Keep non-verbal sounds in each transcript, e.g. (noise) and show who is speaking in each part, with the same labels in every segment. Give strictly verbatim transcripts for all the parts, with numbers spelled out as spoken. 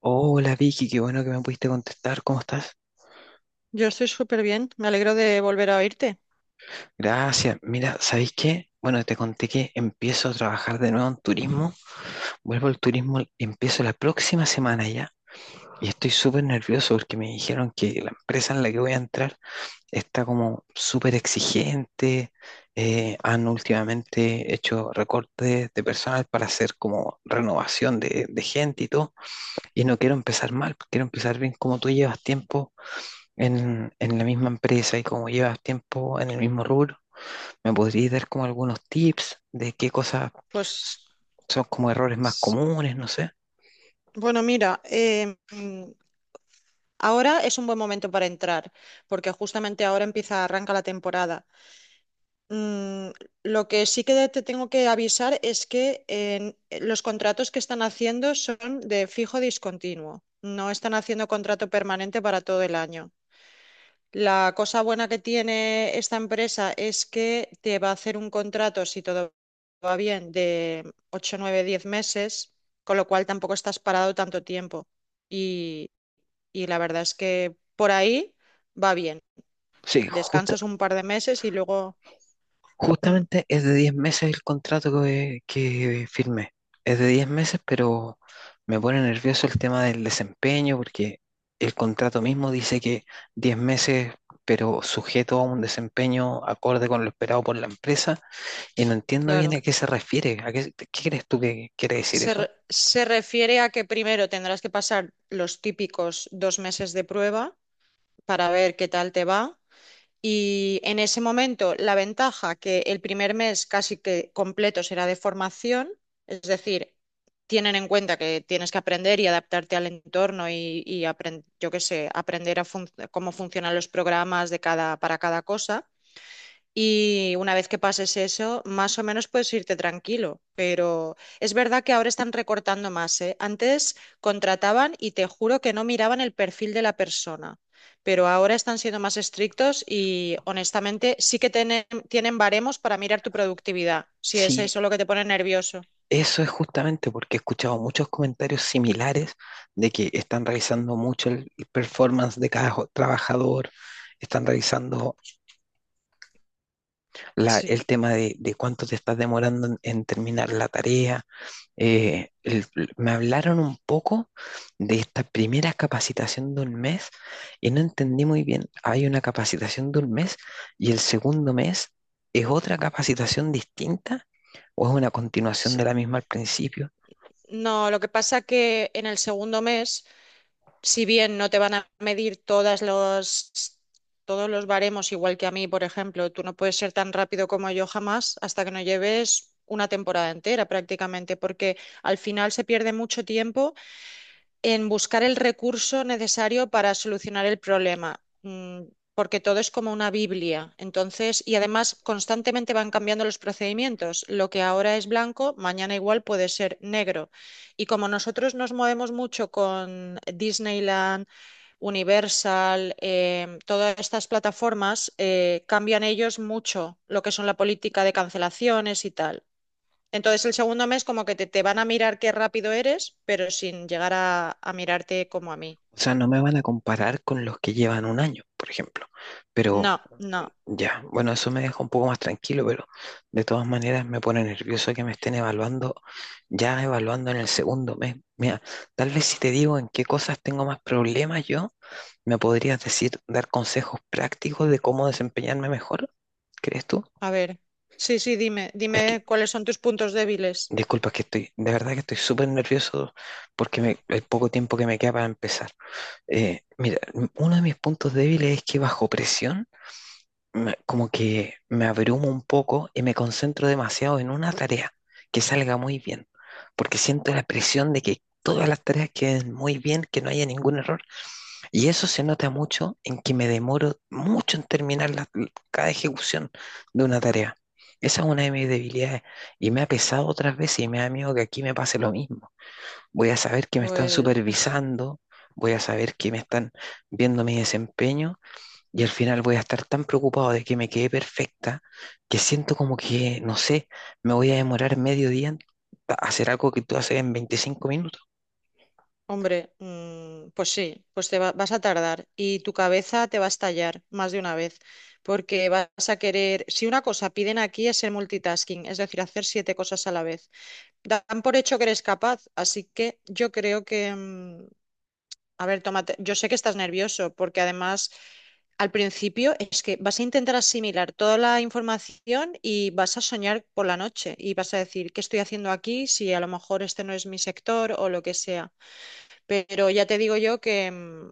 Speaker 1: Hola Vicky, qué bueno que me pudiste contestar. ¿Cómo estás?
Speaker 2: Yo estoy súper bien, me alegro de volver a oírte.
Speaker 1: Gracias. Mira, ¿sabéis qué? Bueno, te conté que empiezo a trabajar de nuevo en turismo. Vuelvo al turismo, empiezo la próxima semana ya. Y estoy súper nervioso porque me dijeron que la empresa en la que voy a entrar está como súper exigente. eh, han últimamente hecho recortes de personal para hacer como renovación de, de gente y todo. Y no quiero empezar mal, quiero empezar bien como tú llevas tiempo en, en la misma empresa y como llevas tiempo en el mismo rubro, ¿me podrías dar como algunos tips de qué cosas
Speaker 2: Pues,
Speaker 1: s- son como errores más
Speaker 2: s-
Speaker 1: comunes? No sé.
Speaker 2: bueno, mira, eh, mm, ahora es un buen momento para entrar, porque justamente ahora empieza, arranca la temporada. Mm, lo que sí que te tengo que avisar es que en- los contratos que están haciendo son de fijo discontinuo, no están haciendo contrato permanente para todo el año. La cosa buena que tiene esta empresa es que te va a hacer un contrato, si todo va bien, de ocho, nueve, diez meses, con lo cual tampoco estás parado tanto tiempo. Y, y la verdad es que por ahí va bien.
Speaker 1: Sí, justa-
Speaker 2: Descansas un par de meses y luego. Mm.
Speaker 1: justamente es de diez meses el contrato que, que firmé. Es de diez meses, pero me pone nervioso el tema del desempeño porque el contrato mismo dice que diez meses, pero sujeto a un desempeño acorde con lo esperado por la empresa. Y no entiendo bien
Speaker 2: Claro.
Speaker 1: a qué se refiere. ¿A qué, qué crees tú que quiere decir
Speaker 2: Se, re-
Speaker 1: eso?
Speaker 2: se refiere a que primero tendrás que pasar los típicos dos meses de prueba para ver qué tal te va. Y en ese momento, la ventaja que el primer mes casi que completo será de formación, es decir, tienen en cuenta que tienes que aprender y adaptarte al entorno y, y apren- yo qué sé, aprender a func- cómo funcionan los programas de cada, para cada cosa. Y una vez que pases eso, más o menos puedes irte tranquilo. Pero es verdad que ahora están recortando más, ¿eh? Antes contrataban y te juro que no miraban el perfil de la persona. Pero ahora están siendo más estrictos y honestamente sí que tienen, tienen, baremos para mirar tu productividad, si es
Speaker 1: Sí,
Speaker 2: eso lo que te pone nervioso.
Speaker 1: eso es justamente porque he escuchado muchos comentarios similares de que están revisando mucho el el performance de cada jo- trabajador, están revisando la-
Speaker 2: Sí.
Speaker 1: el tema de, de cuánto te estás demorando en, en terminar la tarea. Eh, el- Me hablaron un poco de esta primera capacitación de un mes y no entendí muy bien. Hay una capacitación de un mes y el segundo mes es otra capacitación distinta o es una continuación
Speaker 2: Sí.
Speaker 1: de la misma al principio.
Speaker 2: No, lo que pasa que en el segundo mes si bien no te van a medir todas los, todos los baremos igual que a mí, por ejemplo, tú no puedes ser tan rápido como yo jamás hasta que no lleves una temporada entera prácticamente, porque al final se pierde mucho tiempo en buscar el recurso necesario para solucionar el problema, mm, porque todo es como una Biblia. Entonces, y además constantemente van cambiando los procedimientos. Lo que ahora es blanco, mañana igual puede ser negro. Y como nosotros nos movemos mucho con Disneyland, Universal, em, todas estas plataformas, eh, cambian ellos mucho lo que son la política de cancelaciones y tal. Entonces el segundo mes como que te, te van a mirar qué rápido eres, pero sin llegar a, a mirarte como a mí.
Speaker 1: O sea, no me van a comparar con los que llevan un año, por ejemplo, pero
Speaker 2: No, no.
Speaker 1: ya, bueno, eso me deja un poco más tranquilo, pero de todas maneras me pone nervioso que me estén evaluando, ya evaluando en el segundo mes. Mira, tal vez si te digo en qué cosas tengo más problemas yo, me podrías decir, dar consejos prácticos de cómo desempeñarme mejor, ¿crees tú?
Speaker 2: A ver. Sí, sí, dime,
Speaker 1: Es que,
Speaker 2: dime cuáles son tus puntos débiles.
Speaker 1: disculpa, es que estoy, de verdad que estoy súper nervioso porque me, el poco tiempo que me queda para empezar. Eh, mira, m- uno de mis puntos débiles es que bajo presión me- como que me abrumo un poco y me concentro demasiado en una tarea que salga muy bien, porque siento la presión de que todas las tareas queden muy bien, que no haya ningún error. Y eso se nota mucho en que me demoro mucho en terminar la- cada ejecución de una tarea. Esa es una de mis debilidades y me ha pesado otras veces y me da miedo que aquí me pase lo mismo. Voy a saber que me están
Speaker 2: Pues,
Speaker 1: supervisando, voy a saber que me están viendo mi desempeño y al final voy a estar tan preocupado de que me quede perfecta que siento como que, no sé, me voy a demorar medio día en hacer algo que tú haces en veinticinco minutos.
Speaker 2: hombre, mm, pues sí, pues te va- vas a tardar y tu cabeza te va a estallar más de una vez, porque vas a querer, si una cosa piden aquí es el multitasking, es decir, hacer siete cosas a la vez. Dan por hecho que eres capaz, así que yo creo que, mm, a ver, tómate. Yo sé que estás nervioso porque además al principio es que vas a intentar asimilar toda la información y vas a soñar por la noche y vas a decir, ¿qué estoy haciendo aquí? Si a lo mejor este no es mi sector o lo que sea. Pero ya te digo yo que mm,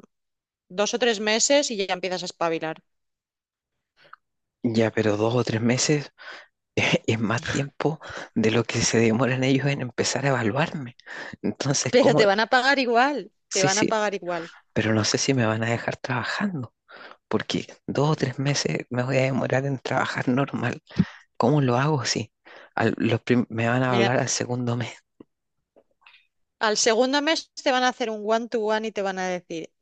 Speaker 2: dos o tres meses y ya empiezas a espabilar.
Speaker 1: Ya, pero dos o tres meses (laughs) es más tiempo de lo que se demoran ellos en empezar a evaluarme. Entonces,
Speaker 2: Pero
Speaker 1: ¿cómo?
Speaker 2: te van a pagar igual, te
Speaker 1: Sí,
Speaker 2: van a
Speaker 1: sí,
Speaker 2: pagar igual.
Speaker 1: pero no sé si me van a dejar trabajando, porque dos o tres meses me voy a demorar en trabajar normal. ¿Cómo lo hago? Sí, al- los prim- me van a
Speaker 2: Mira,
Speaker 1: hablar al segundo mes.
Speaker 2: al segundo mes te van a hacer un one-to-one y te van a decir,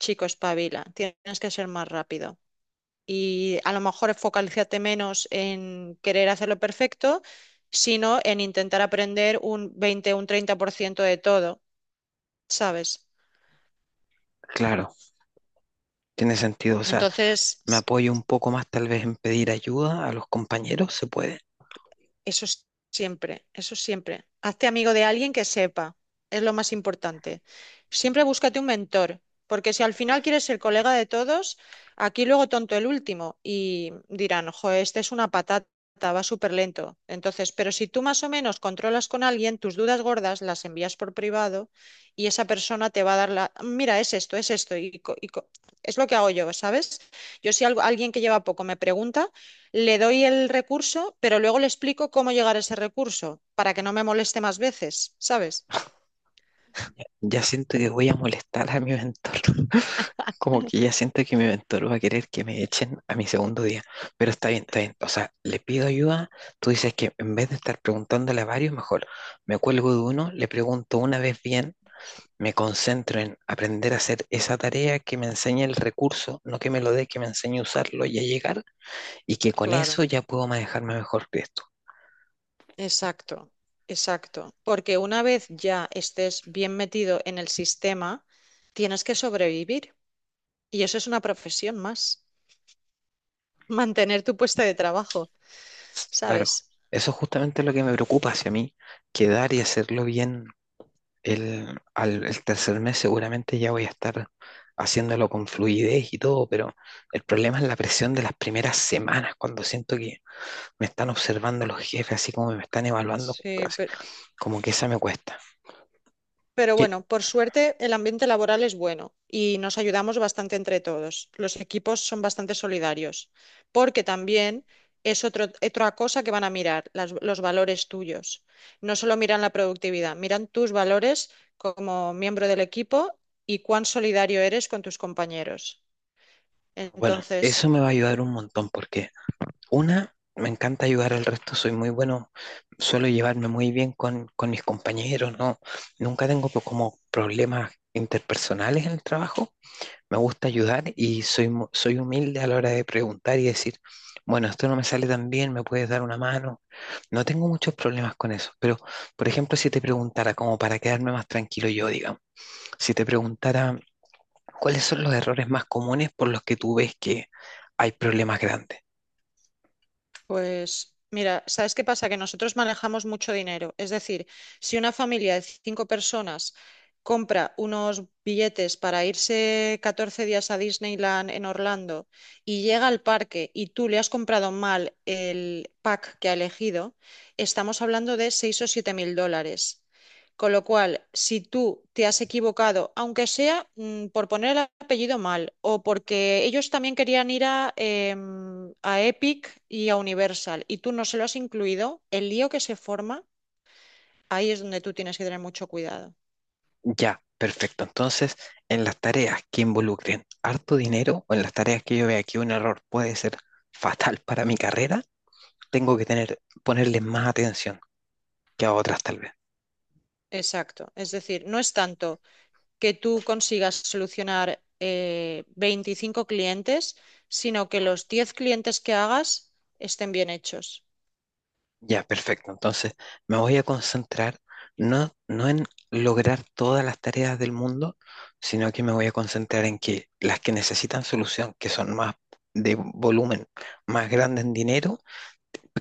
Speaker 2: chico, espabila, tienes que ser más rápido. Y a lo mejor focalízate menos en querer hacerlo perfecto, sino en intentar aprender un veinte o un treinta por ciento de todo, ¿sabes?
Speaker 1: Claro, tiene sentido. O sea,
Speaker 2: Entonces,
Speaker 1: me apoyo un poco más tal vez en pedir ayuda a los compañeros, se puede.
Speaker 2: eso s- siempre, eso siempre. Hazte amigo de alguien que sepa, es lo más importante. Siempre búscate un mentor, porque si al final quieres ser colega de todos, aquí luego tonto el último y dirán, ojo, este es una patata, va súper lento. Entonces, pero si tú más o menos controlas con alguien, tus dudas gordas las envías por privado y esa persona te va a dar la, mira, es esto, es esto, y, co- y co- es lo que hago yo, ¿sabes? Yo si algo, alguien que lleva poco me pregunta, le doy el recurso, pero luego le explico cómo llegar a ese recurso, para que no me moleste más veces, ¿sabes?
Speaker 1: Ya siento que voy a molestar a mi mentor. (laughs) Como que ya siento que mi mentor va a querer que me echen a mi segundo día. Pero está bien, está bien. O sea, le pido ayuda. Tú dices que en vez de estar preguntándole a varios, mejor me cuelgo de uno, le pregunto una vez bien, me concentro en aprender a hacer esa tarea que me enseña el recurso, no que me lo dé, que me enseñe a usarlo y a llegar, y que con
Speaker 2: Claro,
Speaker 1: eso ya puedo manejarme mejor que esto.
Speaker 2: exacto, exacto. Porque una vez ya estés bien metido en el sistema, tienes que sobrevivir. Y eso es una profesión más, mantener tu puesto de trabajo,
Speaker 1: Claro,
Speaker 2: ¿sabes?
Speaker 1: eso es justamente lo que me preocupa hacia mí, quedar y hacerlo bien. El, al, el tercer mes seguramente ya voy a estar haciéndolo con fluidez y todo, pero el problema es la presión de las primeras semanas, cuando siento que me están observando los jefes, así como me están evaluando,
Speaker 2: Sí,
Speaker 1: casi,
Speaker 2: pe-
Speaker 1: como que esa me cuesta.
Speaker 2: pero
Speaker 1: Que,
Speaker 2: bueno, por suerte el ambiente laboral es bueno y nos ayudamos bastante entre todos. Los equipos son bastante solidarios, porque también es otro- otra cosa que van a mirar, las- los valores tuyos. No solo miran la productividad, miran tus valores como miembro del equipo y cuán solidario eres con tus compañeros.
Speaker 1: bueno, eso
Speaker 2: Entonces,
Speaker 1: me va a ayudar un montón porque una, me encanta ayudar al resto, soy muy bueno, suelo llevarme muy bien con, con mis compañeros, no, nunca tengo po- como problemas interpersonales en el trabajo. Me gusta ayudar y soy, mu- soy humilde a la hora de preguntar y decir, bueno, esto no me sale tan bien, ¿me puedes dar una mano? No tengo muchos problemas con eso, pero por ejemplo, si te preguntara, como para quedarme más tranquilo yo, digamos, si te preguntara cuáles son los errores más comunes por los que tú ves que hay problemas grandes.
Speaker 2: pues mira, ¿sabes qué pasa? Que nosotros manejamos mucho dinero. Es decir, si una familia de cinco personas compra unos billetes para irse catorce días a Disneyland en Orlando y llega al parque y tú le has comprado mal el pack que ha elegido, estamos hablando de seis o siete mil dólares. Con lo cual, si tú te has equivocado, aunque sea mm, por poner el apellido mal o porque ellos también querían ir a, em, a Epic y a Universal y tú no se lo has incluido, el lío que se forma, ahí es donde tú tienes que tener mucho cuidado.
Speaker 1: Ya, perfecto. Entonces, en las tareas que involucren harto dinero o en las tareas que yo vea que un error puede ser fatal para mi carrera, tengo que tener, ponerle más atención que a otras tal vez.
Speaker 2: Exacto. Es decir, no es tanto que tú consigas solucionar eh, veinticinco clientes, sino que los diez clientes que hagas estén bien hechos.
Speaker 1: Ya, perfecto. Entonces, me voy a concentrar no, no en lograr todas las tareas del mundo, sino que me voy a concentrar en que las que necesitan solución, que son más de volumen, más grande en dinero,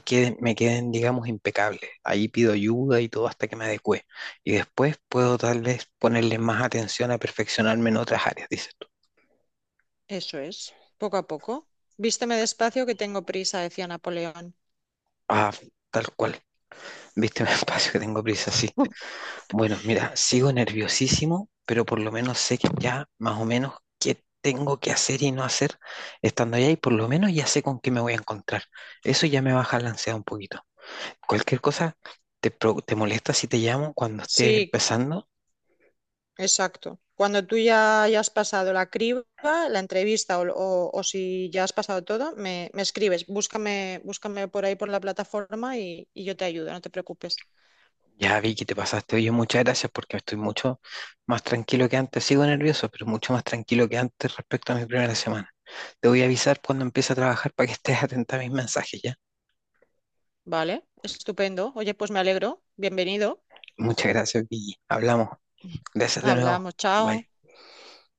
Speaker 1: queden, me queden, digamos, impecables. Ahí pido ayuda y todo hasta que me adecue. Y después puedo tal vez ponerle más atención a perfeccionarme en otras áreas, dices tú.
Speaker 2: Eso es, poco a poco. Vísteme despacio que tengo prisa, decía Napoleón.
Speaker 1: Ah, tal cual. Viste, (laughs) me espacio que tengo prisa, sí. Bueno, mira, sigo nerviosísimo, pero por lo menos sé que ya más o menos qué tengo que hacer y no hacer estando allá y por lo menos ya sé con qué me voy a encontrar. Eso ya me baja la ansiedad un poquito. Cualquier cosa, ¿te, pro- te molesta si te llamo cuando esté
Speaker 2: Sí,
Speaker 1: empezando?
Speaker 2: exacto. Cuando tú ya hayas pasado la criba, la entrevista o, o- o si ya has pasado todo, me, me escribes. Búscame, búscame por ahí por la plataforma y, y yo te ayudo, no te preocupes.
Speaker 1: Ya vi que te pasaste. Oye, muchas gracias porque estoy mucho más tranquilo que antes. Sigo nervioso, pero mucho más tranquilo que antes respecto a mi primera semana. Te voy a avisar cuando empiece a trabajar para que estés (laughs) atenta a mis mensajes, ¿ya?
Speaker 2: Vale, estupendo. Oye, pues me alegro. Bienvenido.
Speaker 1: Muchas gracias, Vicky. Hablamos.
Speaker 2: (laughs)
Speaker 1: Gracias de nuevo.
Speaker 2: Hablamos, chao.
Speaker 1: Bye.